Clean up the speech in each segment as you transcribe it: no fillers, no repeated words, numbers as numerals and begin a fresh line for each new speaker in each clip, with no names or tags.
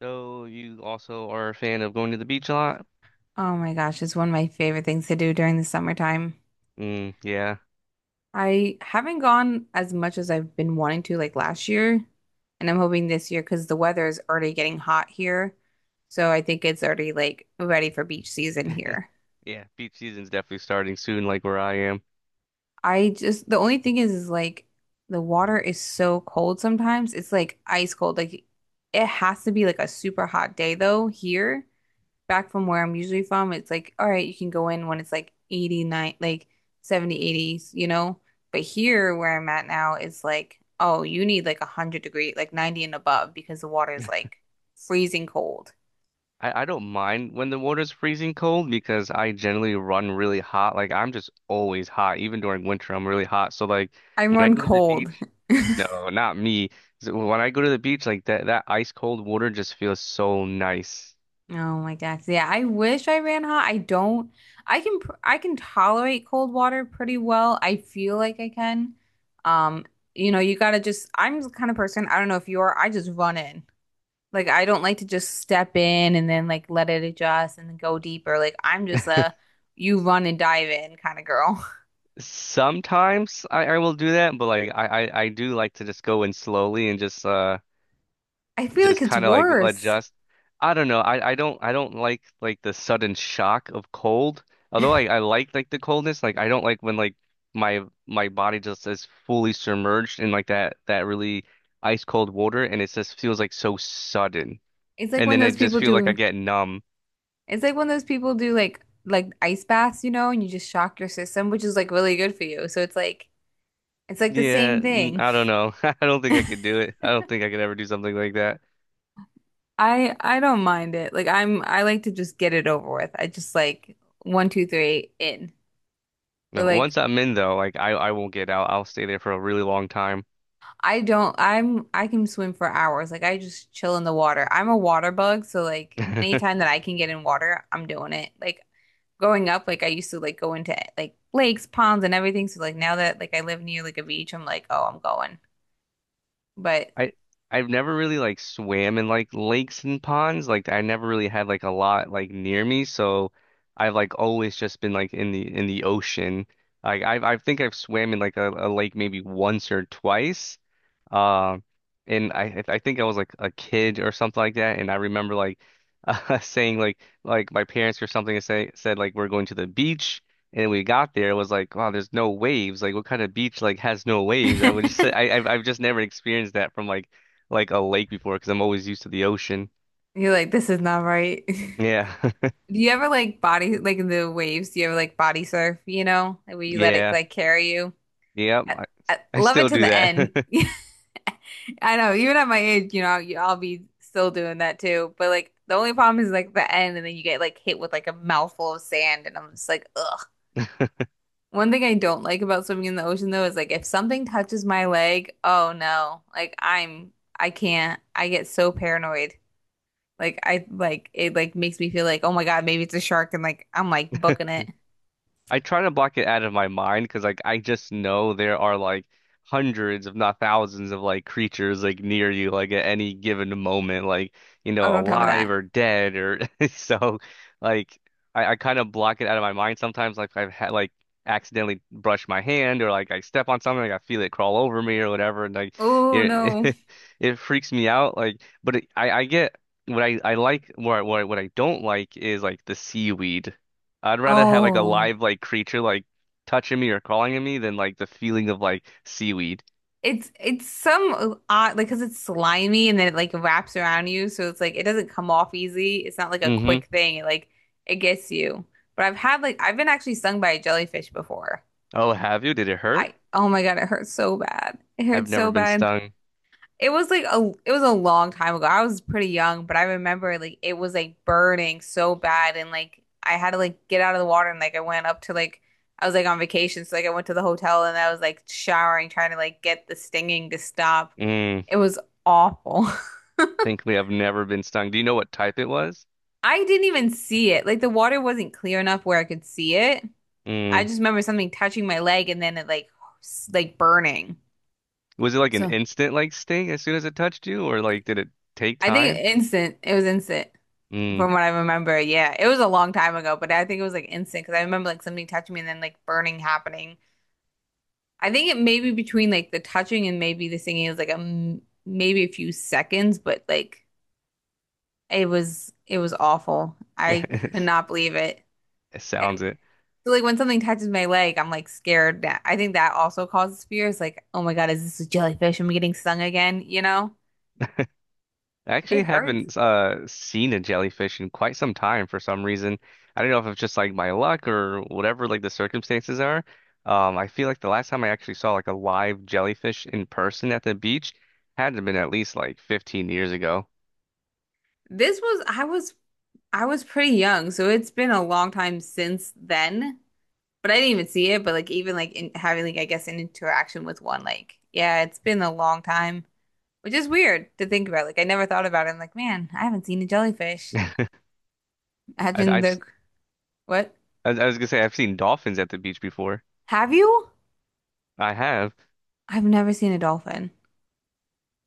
So you also are a fan of going to the beach a lot?
Oh my gosh, it's one of my favorite things to do during the summertime.
Mm, yeah.
I haven't gone as much as I've been wanting to like last year, and I'm hoping this year because the weather is already getting hot here. So I think it's already like ready for beach season here.
Yeah, beach season's definitely starting soon, like where I am.
I just The only thing is like the water is so cold sometimes. It's like ice cold. Like it has to be like a super hot day though here back from where I'm usually from, it's like, all right, you can go in when it's like 89, like 70, 80s, you know? But here where I'm at now, it's like, oh, you need like 100-degree, like 90 and above because the water is like freezing cold.
I don't mind when the water's freezing cold because I generally run really hot. Like I'm just always hot, even during winter, I'm really hot. So like
I
when I
run
go to the
cold.
beach, no, not me. So when I go to the beach, like that ice cold water just feels so nice.
Oh my gosh. Yeah, I wish I ran hot. I don't. I can tolerate cold water pretty well. I feel like I can. Um, you gotta just, I'm the kind of person, I don't know if you are, I just run in. Like I don't like to just step in and then like let it adjust and then go deeper. Like I'm just a you run and dive in kind of girl.
Sometimes I will do that, but like I do like to just go in slowly and
I feel like
just
it's
kind of like
worse.
adjust. I don't know. I don't like the sudden shock of cold. Although I like the coldness, like I don't like when like my body just is fully submerged in like that really ice cold water and it just feels like so sudden.
It's like
And
when
then I
those
just
people
feel like I
do
get numb.
it's like when those people do like ice baths, and you just shock your system, which is like really good for you. So it's like the
Yeah,
same thing.
I don't know. I don't think I could do it. I don't think I could ever do something like that.
I don't mind it. Like I like to just get it over with. I just like one, two, three, in. Or
No,
like
once I'm in though, like I won't get out. I'll stay there for a really long time.
I don't, I'm, I can swim for hours. Like I just chill in the water. I'm a water bug, so like anytime that I can get in water, I'm doing it. Like growing up, like I used to like go into like lakes, ponds, and everything. So like now that like I live near like a beach, I'm like, oh, I'm going. But
I I've never really like swam in like lakes and ponds. Like I never really had like a lot like near me, so I've like always just been like in the ocean. Like I think I've swam in like a lake maybe once or twice. Um and I think I was like a kid or something like that and I remember like saying like my parents or something say said like we're going to the beach and we got there, it was like, wow, there's no waves. Like, what kind of beach like has no waves? I
you're
would just say, I, I've just never experienced that from like a lake before because I'm always used to the ocean.
like, this is not right.
Yeah,
Do you ever like in the waves? Do you ever like body surf? You know, like, where you let it
yeah,
like carry you?
yep.
I, I
I
love
still
it to
do
the end.
that.
I know, even at my age, I'll be still doing that too. But like the only problem is like the end, and then you get like hit with like a mouthful of sand, and I'm just like, ugh. One thing I don't like about swimming in the ocean though is like if something touches my leg, oh no, like I can't, I get so paranoid. Like I like it like makes me feel like, oh my God, maybe it's a shark, and like I'm like booking it.
I try to block it out of my mind because like I just know there are like hundreds, if not thousands, of like creatures like near you like at any given moment, like you
Oh,
know,
don't tell me
alive
that.
or dead or so like I kind of block it out of my mind sometimes like I've had like accidentally brush my hand or like I step on something, like I feel it crawl over me or whatever and like
Oh
it
no.
it, freaks me out like but it, I get what I like what I- what I what I don't like is like the seaweed. I'd rather have like a
Oh.
live like creature like touching me or calling at me than like the feeling of like seaweed.
It's some odd like because it's slimy and then it like wraps around you, so it's like it doesn't come off easy. It's not like a
hmm
quick thing. It gets you. But I've had like I've been actually stung by a jellyfish before.
Oh, have you? Did it hurt?
I Oh my God, it hurts so bad. It
I've
hurts
never
so
been
bad.
stung.
It was a long time ago. I was pretty young, but I remember like it was like burning so bad and like I had to like get out of the water and like I went up to like I was like on vacation, so like I went to the hotel and I was like showering trying to like get the stinging to stop.
Mm.
It was awful.
Thankfully, I've never been stung. Do you know what type it was?
I didn't even see it. Like the water wasn't clear enough where I could see it. I
Mm.
just remember something touching my leg and then it like like burning.
Was it like an
So
instant like sting as soon as it touched you, or like did it take
I think
time?
instant. It was instant
Mm.
from what I remember. Yeah, it was a long time ago, but I think it was like instant because I remember like something touching me and then like burning happening. I think it may be between like the touching and maybe the singing is like a m maybe a few seconds, but like it was awful. I could not believe it.
It
And
sounds it.
so, like when something touches my leg, I'm like scared. That I think that also causes fear. It's like, oh my God, is this a jellyfish? Am I getting stung again?
I actually
It hurts.
haven't seen a jellyfish in quite some time for some reason. I don't know if it's just like my luck or whatever like the circumstances are. I feel like the last time I actually saw like a live jellyfish in person at the beach had to have been at least like 15 years ago.
This was I was pretty young, so it's been a long time since then. But I didn't even see it. But like even like having like I guess an interaction with one, like yeah, it's been a long time, which is weird to think about. Like I never thought about it. I'm like, man, I haven't seen a jellyfish.
I, I've
Imagine the
s-
What?
I was gonna say I've seen dolphins at the beach before.
Have you?
I have.
I've never seen a dolphin.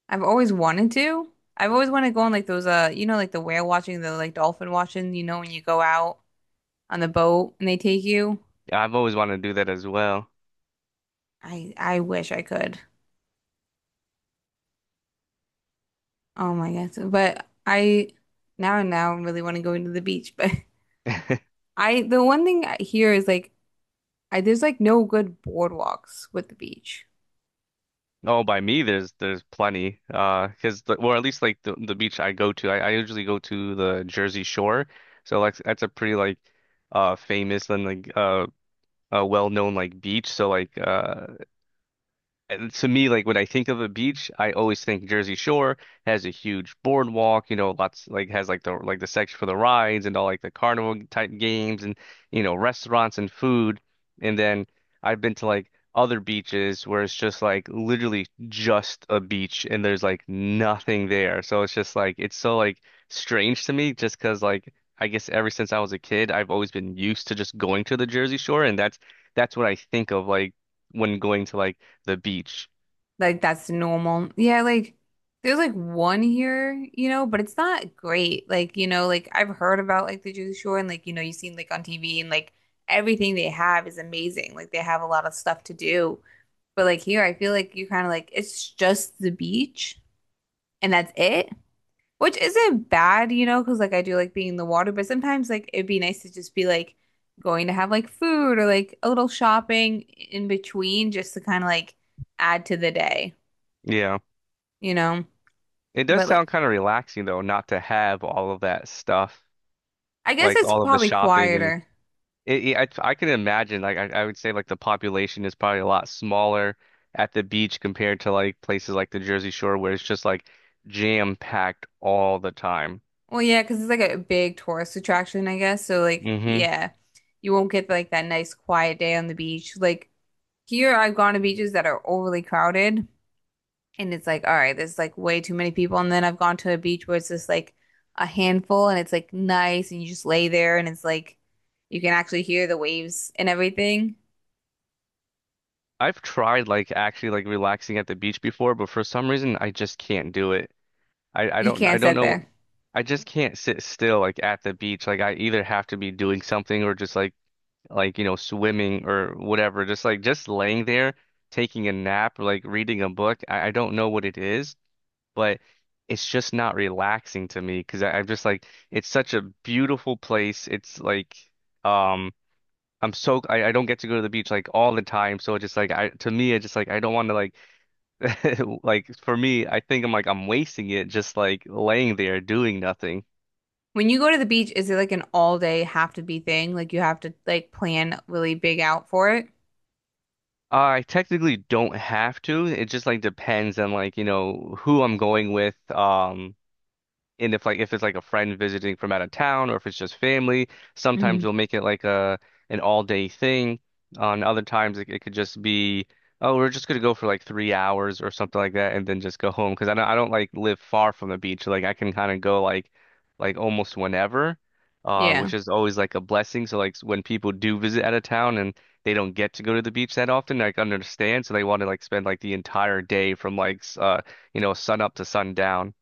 I've always wanted to. I've always wanted to go on like those like the whale watching, the like dolphin watching. You know when you go out on the boat and they take you.
I've always wanted to do that as well.
I wish I could. Oh my gosh. But I now really want to go into the beach. But I the one thing I hear is like I there's like no good boardwalks with the beach.
Oh, by me, there's plenty. 'Cause the, well, at least like the beach I go to, I usually go to the Jersey Shore, so like that's a pretty like famous and like a well known like beach. So like and to me, like when I think of a beach, I always think Jersey Shore has a huge boardwalk, you know, lots like has like the section for the rides and all like the carnival type games and you know restaurants and food. And then I've been to like other beaches where it's just like literally just a beach and there's like nothing there. So it's just like it's so like strange to me just 'cause like I guess ever since I was a kid, I've always been used to just going to the Jersey Shore and that's what I think of like when going to like the beach.
Like that's normal. Yeah, like there's like one here, but it's not great. Like, like I've heard about like the Jersey Shore and like, you've seen like on TV and like everything they have is amazing. Like they have a lot of stuff to do. But like here I feel like you kind of like it's just the beach and that's it. Which isn't bad, because like I do like being in the water, but sometimes like it'd be nice to just be like going to have like food or like a little shopping in between just to kind of like add to the day,
Yeah.
you know?
It does
But like
sound kind of relaxing though, not to have all of that stuff,
I guess
like
it's
all of the
probably
shopping and
quieter.
I can imagine like I would say like the population is probably a lot smaller at the beach compared to like places like the Jersey Shore where it's just like jam packed all the time.
Well, yeah, because it's like a big tourist attraction, I guess. So like
hmm
yeah, you won't get like that nice quiet day on the beach. Like here, I've gone to beaches that are overly crowded. And it's like, all right, there's like way too many people. And then I've gone to a beach where it's just like a handful and it's like nice and you just lay there and it's like you can actually hear the waves and everything.
I've tried like actually like relaxing at the beach before, but for some reason I just can't do it. I
You can't
don't
sit
know
there.
I just can't sit still like at the beach. Like I either have to be doing something or just like you know swimming or whatever just like just laying there taking a nap or like reading a book I don't know what it is but it's just not relaxing to me because I'm just like it's such a beautiful place it's like um I'm so I don't get to go to the beach like all the time so it's just like I to me it's just like I don't want to like like for me I think I'm like I'm wasting it just like laying there doing nothing
When you go to the beach, is it like an all day have to be thing? Like you have to like plan really big out for it?
I technically don't have to. It just like depends on like, you know, who I'm going with, and if like if it's like a friend visiting from out of town or if it's just family, sometimes
Hmm.
you'll make it like a an all day thing. On other times it could just be, oh, we're just gonna go for like 3 hours or something like that and then just go home. Because I don't like live far from the beach. Like I can kind of go like almost whenever,
Yeah.
which is always like a blessing. So like when people do visit out of town and they don't get to go to the beach that often, like understand. So they want to like spend like the entire day from like you know sun up to sundown.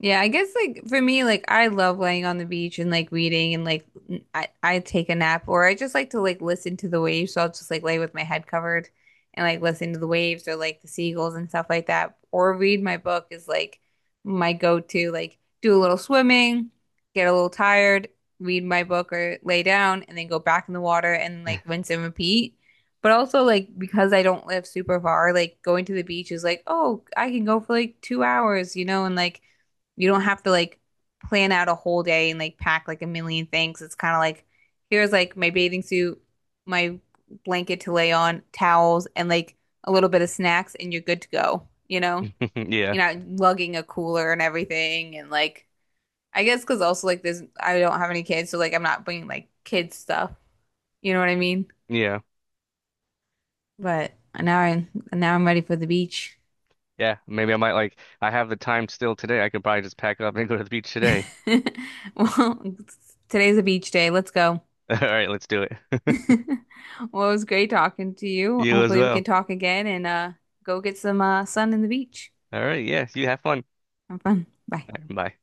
Yeah, I guess like for me, like I love laying on the beach and like reading and like I take a nap or I just like to like listen to the waves. So I'll just like lay with my head covered and like listen to the waves or like the seagulls and stuff like that. Or read my book is like my go-to. Like do a little swimming, get a little tired, read my book or lay down and then go back in the water and like rinse and repeat. But also like because I don't live super far, like going to the beach is like, oh, I can go for like 2 hours, and like you don't have to like plan out a whole day and like pack like a million things. It's kind of like here's like my bathing suit, my blanket to lay on, towels, and like a little bit of snacks, and you're good to go. You know,
Yeah.
you're not lugging a cooler and everything. And like, I guess because also like this, I don't have any kids, so like I'm not bringing like kids stuff. You know what I mean?
Yeah.
But now I now I'm ready for the beach.
Yeah. Maybe I might like I have the time still today. I could probably just pack up and go to the beach today.
Well, today's a beach day. Let's go.
All right, let's do it.
Well, it was great talking to you.
You as
Hopefully, we can
well.
talk again and go get some sun in the beach.
All right, yeah, you have fun.
Have fun. Bye.
All right, bye.